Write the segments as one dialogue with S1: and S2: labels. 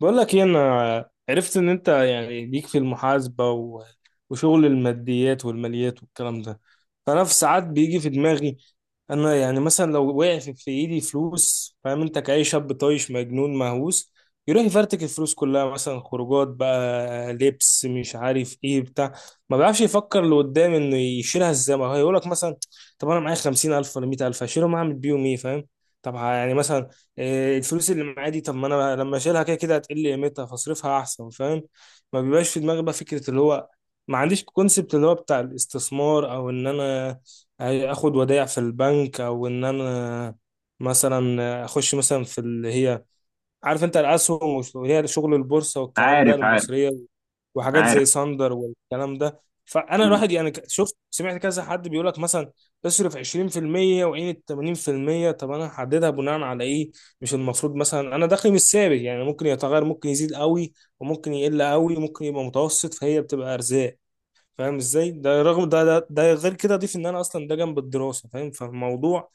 S1: بقول لك ايه؟ انا عرفت ان انت يعني ليك في المحاسبه وشغل الماديات والماليات والكلام ده. فانا في ساعات بيجي في دماغي، انا يعني مثلا لو وقع في ايدي فلوس، فاهم؟ انت كأي شاب طايش مجنون مهووس يروح يفرتك الفلوس كلها، مثلا خروجات بقى، لبس، مش عارف ايه بتاع. ما بيعرفش يفكر لقدام انه يشيلها ازاي. ما هو يقول لك مثلا طب انا معايا 50,000 ولا 100,000 هشيلهم، اعمل بيهم ايه؟ فاهم؟ طب يعني مثلا إيه، الفلوس اللي معايا دي، طب ما انا لما اشيلها كده كده هتقل قيمتها، فاصرفها احسن. فاهم؟ ما بيبقاش في دماغي بقى فكره اللي هو، ما عنديش كونسبت اللي هو بتاع الاستثمار، او ان انا اخد ودائع في البنك، او ان انا مثلا اخش مثلا في اللي هي، عارف انت، الاسهم واللي هي شغل البورصه والكلام ده،
S2: عارف عارف
S1: المصريه، وحاجات زي
S2: عارف.
S1: ساندر والكلام ده. فانا
S2: مم.
S1: الواحد يعني شفت سمعت كذا حد بيقول لك مثلا تصرف 20% وعين 80%. طب انا هحددها بناء على ايه؟ مش المفروض مثلا، انا دخلي مش ثابت يعني، ممكن يتغير، ممكن يزيد قوي، وممكن يقل قوي، ممكن يبقى متوسط، فهي بتبقى ارزاق. فاهم ازاي؟ ده رغم ده، غير كده اضيف ان انا اصلا ده جنب الدراسه. فاهم؟ فالموضوع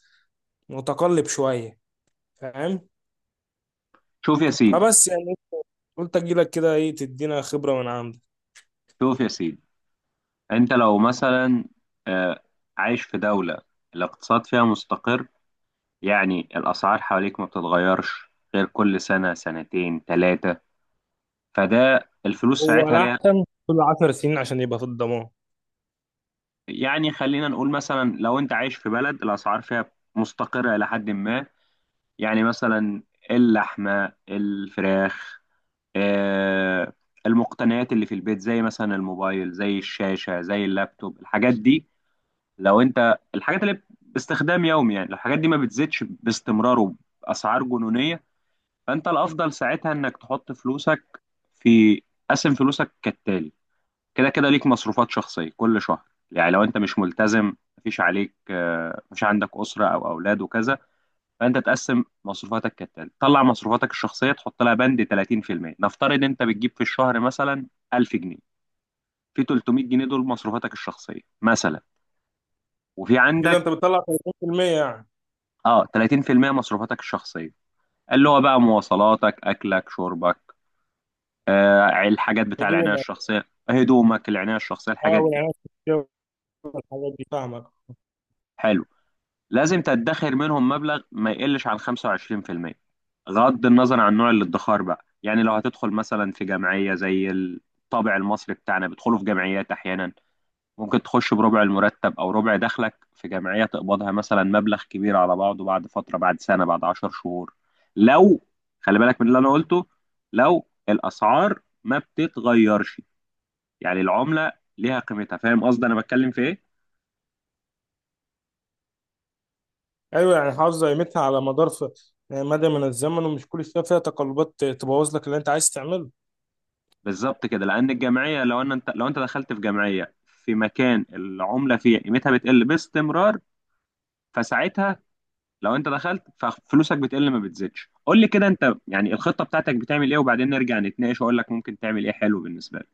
S1: متقلب شويه. فاهم؟
S2: شوف يا سيدي
S1: فبس يعني قلت اجيلك كده، ايه، تدينا خبرة من عندك.
S2: شوف يا سيدي، انت لو مثلا آه، عايش في دولة الاقتصاد فيها مستقر. يعني الأسعار حواليك ما بتتغيرش غير كل سنة سنتين ثلاثة، فده الفلوس
S1: هو
S2: ساعتها ليها.
S1: الأحسن كل 10 سنين عشان يبقى في الضمان.
S2: يعني خلينا نقول مثلا لو انت عايش في بلد الأسعار فيها مستقرة إلى حد ما، يعني مثلا اللحمة، الفراخ، آه، المقتنيات اللي في البيت زي مثلا الموبايل، زي الشاشة، زي اللابتوب، الحاجات دي، لو انت الحاجات اللي باستخدام يومي. يعني لو الحاجات دي ما بتزيدش باستمرار وباسعار جنونيه، فانت الافضل ساعتها انك تحط فلوسك في قسم فلوسك كالتالي. كده كده ليك مصروفات شخصيه كل شهر. يعني لو انت مش ملتزم، مفيش عليك، مش عندك اسره او اولاد وكذا، فانت تقسم مصروفاتك كالتالي. طلع مصروفاتك الشخصيه، تحط لها بند 30%. نفترض انت بتجيب في الشهر مثلا 1000 جنيه، في 300 جنيه دول مصروفاتك الشخصيه مثلا، وفي
S1: كده
S2: عندك
S1: انت بتطلع 30% يعني؟
S2: اه 30% مصروفاتك الشخصيه، اللي هو بقى مواصلاتك، اكلك، شربك، الحاجات بتاع
S1: هدوم،
S2: العنايه الشخصيه، هدومك، العنايه الشخصيه،
S1: اه،
S2: الحاجات دي،
S1: والعناية الصحية والحاجات دي، فاهمك.
S2: حلو. لازم تدخر منهم مبلغ ما يقلش عن 25% غض النظر عن نوع الادخار بقى. يعني لو هتدخل مثلا في جمعيه زي الطابع المصري بتاعنا، بيدخلوا في جمعيات احيانا، ممكن تخش بربع المرتب او ربع دخلك في جمعية تقبضها مثلا مبلغ كبير على بعضه بعد فترة، بعد سنة، بعد 10 شهور. لو خلي بالك من اللي انا قلته، لو الاسعار ما بتتغيرش، يعني العملة ليها قيمتها، فاهم قصدي انا بتكلم في ايه؟
S1: ايوه، يعني حافظة قيمتها على مدار يعني مدى من الزمن، ومش كل شوية فيها تقلبات تبوظ لك اللي انت عايز تعمله.
S2: بالظبط كده. لان الجمعية لو انت دخلت في جمعية في مكان العملة فيها قيمتها بتقل باستمرار، فساعتها لو انت دخلت ففلوسك بتقل ما بتزيدش. قول لي كده انت يعني الخطه بتاعتك بتعمل ايه، وبعدين نرجع نتناقش واقول لك ممكن تعمل ايه حلو بالنسبه لك.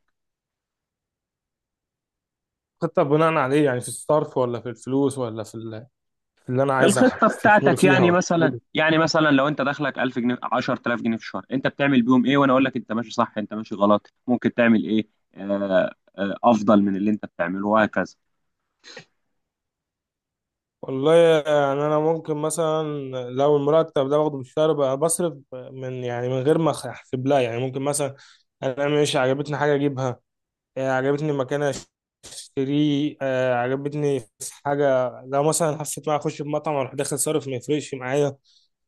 S1: خطة بناء عليه يعني، في الصرف، ولا في الفلوس، ولا في اللي انا عايز
S2: الخطه
S1: استثمره
S2: بتاعتك
S1: فيها،
S2: يعني
S1: ولا؟
S2: مثلا لو انت دخلك 1000 جنيه، 10000 جنيه في الشهر، انت بتعمل بيهم ايه؟ وانا اقول لك انت ماشي صح، انت ماشي غلط، ممكن تعمل ايه افضل من اللي انت بتعمله وهكذا.
S1: والله يعني انا ممكن مثلا، لو المرتب ده باخده بالشهر بقى بصرف من يعني من غير ما احسب لها، يعني ممكن مثلا انا مش عجبتني حاجه اجيبها، آه، عجبتني مكان اشتريه، آه، عجبتني في حاجه، لو مثلا حسيت بقى اخش بمطعم اروح، داخل صارف، ما يفرقش معايا.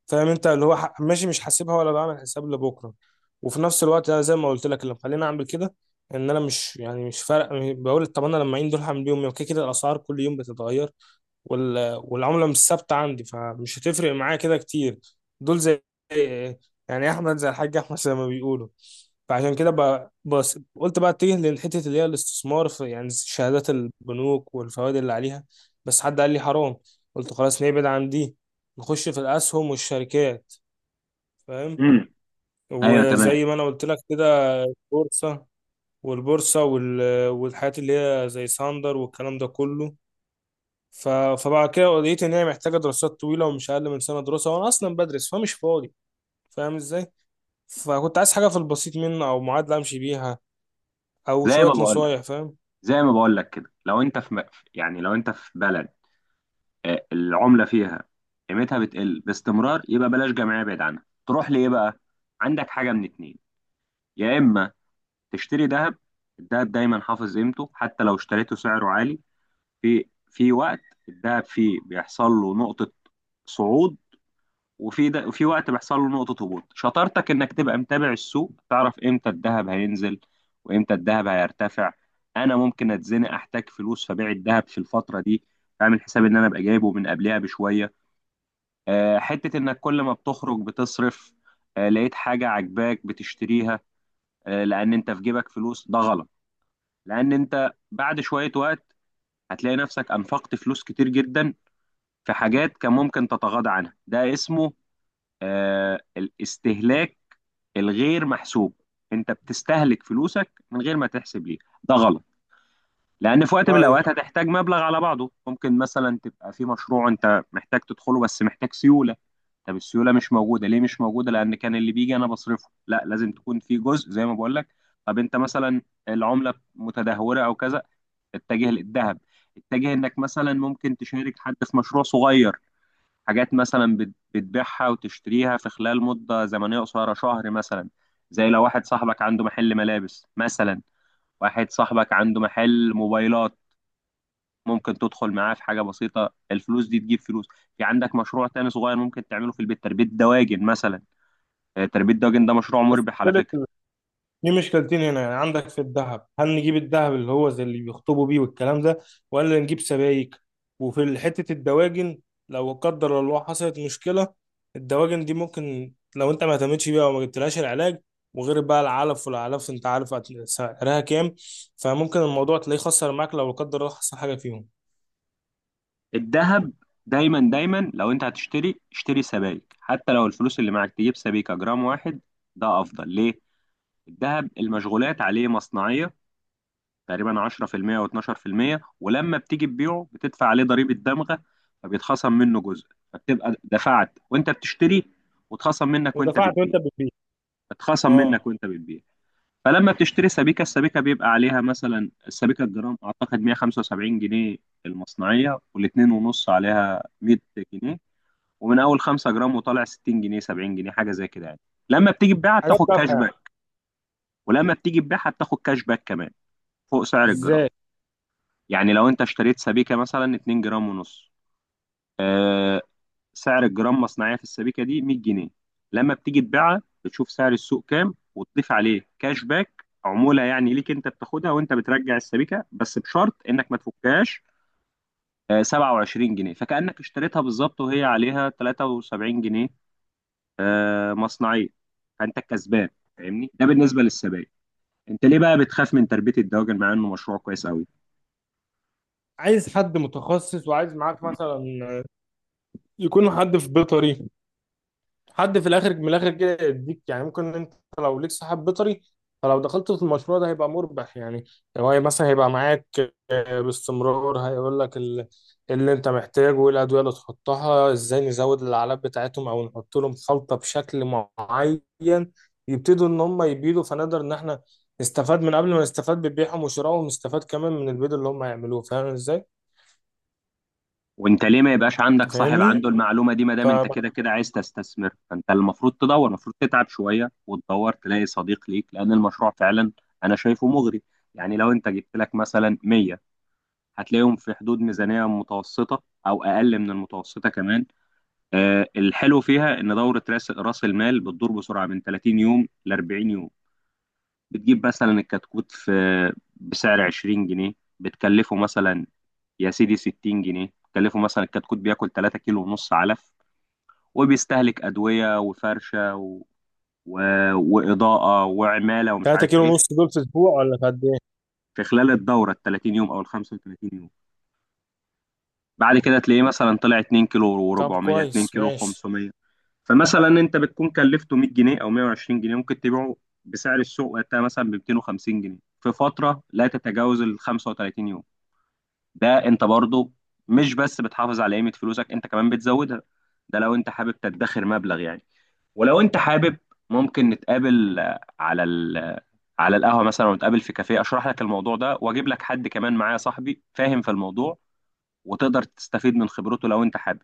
S1: فاهم انت؟ اللي هو ماشي، مش حاسبها ولا بعمل حساب لبكره. وفي نفس الوقت أنا زي ما قلت لك، اللي مخليني اعمل كده ان انا مش يعني مش فارق. بقول طب انا لما اعين دول هعمل بيهم إيه؟ وكده كده الاسعار كل يوم بتتغير، والعملة مش ثابتة عندي، فمش هتفرق معايا كده كتير. دول زي يعني أحمد، زي الحاج أحمد زي ما بيقولوا. فعشان كده بس قلت بقى اتجه للحتة اللي هي الاستثمار في يعني شهادات البنوك والفوائد اللي عليها. بس حد قال لي حرام، قلت خلاص نبعد عن دي، نخش في الأسهم والشركات. فاهم؟
S2: امم ايوه تمام.
S1: وزي ما أنا قلت لك كده، البورصة، والبورصة والحاجات اللي هي زي ساندر والكلام ده كله. ف... فبعد كده لقيت ان هي محتاجه دراسات طويله ومش اقل من سنه دراسه، وانا اصلا بدرس فمش فاضي. فاهم ازاي؟ فكنت عايز حاجه في البسيط منه او معادله امشي بيها، او
S2: زي
S1: شويه
S2: ما بقول
S1: نصايح.
S2: لك
S1: فاهم؟
S2: زي ما بقول لك كده، لو انت يعني لو انت في بلد العملة فيها قيمتها بتقل باستمرار، يبقى بلاش جمعية، بعيد عنها. تروح لإيه بقى؟ عندك حاجة من اتنين، يا إما تشتري ذهب. الذهب دايما حافظ قيمته حتى لو اشتريته سعره عالي. في وقت الذهب فيه بيحصل له نقطة صعود، وفي وقت بيحصل له نقطة هبوط. شطارتك إنك تبقى متابع السوق، تعرف إمتى الذهب هينزل وإمتى الذهب هيرتفع. أنا ممكن أتزنق، أحتاج فلوس، فبيع الذهب في الفترة دي، أعمل حساب إن أنا أبقى جايبه من قبلها بشوية. حتة إنك كل ما بتخرج بتصرف، لقيت حاجة عجباك بتشتريها، لأن أنت في جيبك فلوس، ده غلط. لأن أنت بعد شوية وقت هتلاقي نفسك أنفقت فلوس كتير جدا في حاجات كان ممكن تتغاضى عنها. ده اسمه الاستهلاك الغير محسوب. أنت بتستهلك فلوسك من غير ما تحسب ليه، ده غلط. لأن في وقت من
S1: طيب.
S2: الأوقات هتحتاج مبلغ على بعضه، ممكن مثلا تبقى في مشروع أنت محتاج تدخله بس محتاج سيولة. طب السيوله مش موجوده ليه؟ مش موجوده لان كان اللي بيجي انا بصرفه. لا، لازم تكون في جزء زي ما بقول لك. طب انت مثلا العمله متدهوره او كذا، اتجه للذهب، اتجه انك مثلا ممكن تشارك حد في مشروع صغير، حاجات مثلا بتبيعها وتشتريها في خلال مده زمنيه قصيره، شهر مثلا. زي لو واحد صاحبك عنده محل ملابس مثلا، واحد صاحبك عنده محل موبايلات، ممكن تدخل معاه في حاجه بسيطه، الفلوس دي تجيب فلوس. في عندك مشروع تاني صغير ممكن تعمله في البيت، تربيه دواجن مثلا. تربيه دواجن ده مشروع
S1: بس
S2: مربح على
S1: مشكلة،
S2: فكره.
S1: دي مشكلتين هنا يعني. عندك في الذهب، هل نجيب الذهب اللي هو زي اللي بيخطبوا بيه والكلام ده، ولا نجيب سبائك؟ وفي حتة الدواجن، لو قدر الله حصلت مشكلة، الدواجن دي ممكن لو انت ما اهتمتش بيها وما جبتلهاش العلاج، وغير بقى العلف، والعلف انت عارف سعرها كام. فممكن الموضوع تلاقيه خسر معاك لو لا قدر الله حصل حاجة فيهم.
S2: الذهب دايما دايما لو انت هتشتري اشتري سبائك، حتى لو الفلوس اللي معاك تجيب سبيكه جرام واحد، ده افضل ليه. الذهب المشغولات عليه مصنعيه تقريبا 10% و12%، ولما بتيجي تبيعه بتدفع عليه ضريبه دمغه، فبيتخصم منه جزء، فبتبقى دفعت وانت بتشتري واتخصم منك وانت
S1: ودفعت
S2: بتبيع.
S1: وانت بتبيع.
S2: اتخصم
S1: اه.
S2: منك وانت بتبيع. فلما بتشتري سبيكة، السبيكة بيبقى عليها مثلا، السبيكة الجرام أعتقد 175 جنيه المصنعية، والاتنين ونص عليها 100 جنيه، ومن أول 5 جرام وطالع 60 جنيه، 70 جنيه، حاجة زي كده يعني. لما بتيجي تبيعها
S1: حاجات
S2: بتاخد كاش
S1: تافهة.
S2: باك، ولما بتيجي تبيعها بتاخد كاش باك كمان فوق سعر الجرام.
S1: ازاي؟
S2: يعني لو أنت اشتريت سبيكة مثلا 2 جرام ونص، آه، سعر الجرام مصنعيه في السبيكه دي 100 جنيه، لما بتيجي تبيعها بتشوف سعر السوق كام وتضيف عليه كاش باك عموله يعني ليك انت بتاخدها وانت بترجع السبيكه، بس بشرط انك ما تفكهاش. 27 جنيه، فكانك اشتريتها بالظبط وهي عليها 73 جنيه مصنعيه، فانت الكسبان. فاهمني؟ ده بالنسبه للسبائك. انت ليه بقى بتخاف من تربيه الدواجن مع انه مشروع كويس قوي؟
S1: عايز حد متخصص، وعايز معاك مثلا يكون حد في بيطري، حد في الاخر من الاخر كده يديك يعني. ممكن انت لو ليك صاحب بيطري، فلو دخلت في المشروع ده هيبقى مربح يعني. هو مثلا هيبقى معاك آه، باستمرار، هيقول لك اللي انت محتاجه، وايه الادويه اللي تحطها، ازاي نزود العلب بتاعتهم، او نحط لهم خلطه بشكل معين. يبتدوا ان هم يبيدوا فنقدر ان احنا نستفاد من قبل ما نستفاد ببيعهم وشرائهم، ونستفاد كمان من البيض اللي هم هيعملوه. فاهم ازاي؟
S2: وانت ليه ما يبقاش عندك
S1: انت
S2: صاحب
S1: فاهمني؟
S2: عنده المعلومه دي؟ ما
S1: ف
S2: دام انت كده كده عايز تستثمر، فانت المفروض تدور، المفروض تتعب شويه وتدور تلاقي صديق ليك، لان المشروع فعلا انا شايفه مغري. يعني لو انت جبت لك مثلا 100، هتلاقيهم في حدود ميزانيه متوسطه او اقل من المتوسطه كمان. الحلو فيها ان دوره راس المال بتدور بسرعه من 30 يوم ل 40 يوم. بتجيب مثلا الكتكوت في بسعر 20 جنيه، بتكلفه مثلا يا سيدي 60 جنيه، بتكلفه مثلا الكتكوت بياكل 3 كيلو ونص علف، وبيستهلك أدوية وفرشة و... وإضاءة وعمالة ومش
S1: 3
S2: عارف
S1: كيلو
S2: إيه
S1: ونص دول في اسبوع ولا في قد ايه؟
S2: في خلال الدورة ال 30 يوم أو ال 35 يوم. بعد كده تلاقيه مثلا طلع 2 كيلو
S1: طب
S2: و400، 2
S1: كويس،
S2: كيلو
S1: ماشي.
S2: 500، فمثلا أنت بتكون كلفته 100 جنيه أو 120 جنيه، ممكن تبيعه بسعر السوق وقتها مثلا ب 250 جنيه في فترة لا تتجاوز ال 35 يوم. ده انت برضو مش بس بتحافظ على قيمة فلوسك، انت كمان بتزودها. ده لو انت حابب تدخر مبلغ يعني. ولو انت حابب، ممكن نتقابل آه، على ال آه، على القهوة مثلا، ونتقابل في كافيه، اشرح لك الموضوع ده واجيب لك حد كمان معايا صاحبي فاهم في الموضوع، وتقدر تستفيد من خبرته لو انت حابب.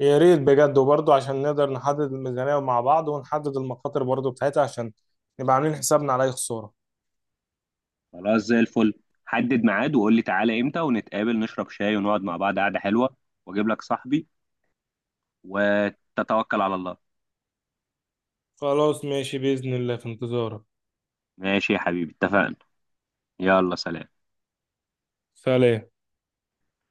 S1: يا ريت بجد، وبرضه عشان نقدر نحدد الميزانية مع بعض، ونحدد المخاطر برضه بتاعتها، عشان نبقى عاملين حسابنا على أي خسارة.
S2: خلاص زي الفل. حدد ميعاد وقول لي تعالى امتى، ونتقابل نشرب شاي ونقعد مع بعض قعدة حلوة، واجيب لك صاحبي، وتتوكل على الله.
S1: خلاص، ماشي بإذن الله، في انتظارك.
S2: ماشي يا حبيبي اتفقنا. يلا سلام.
S1: سلام.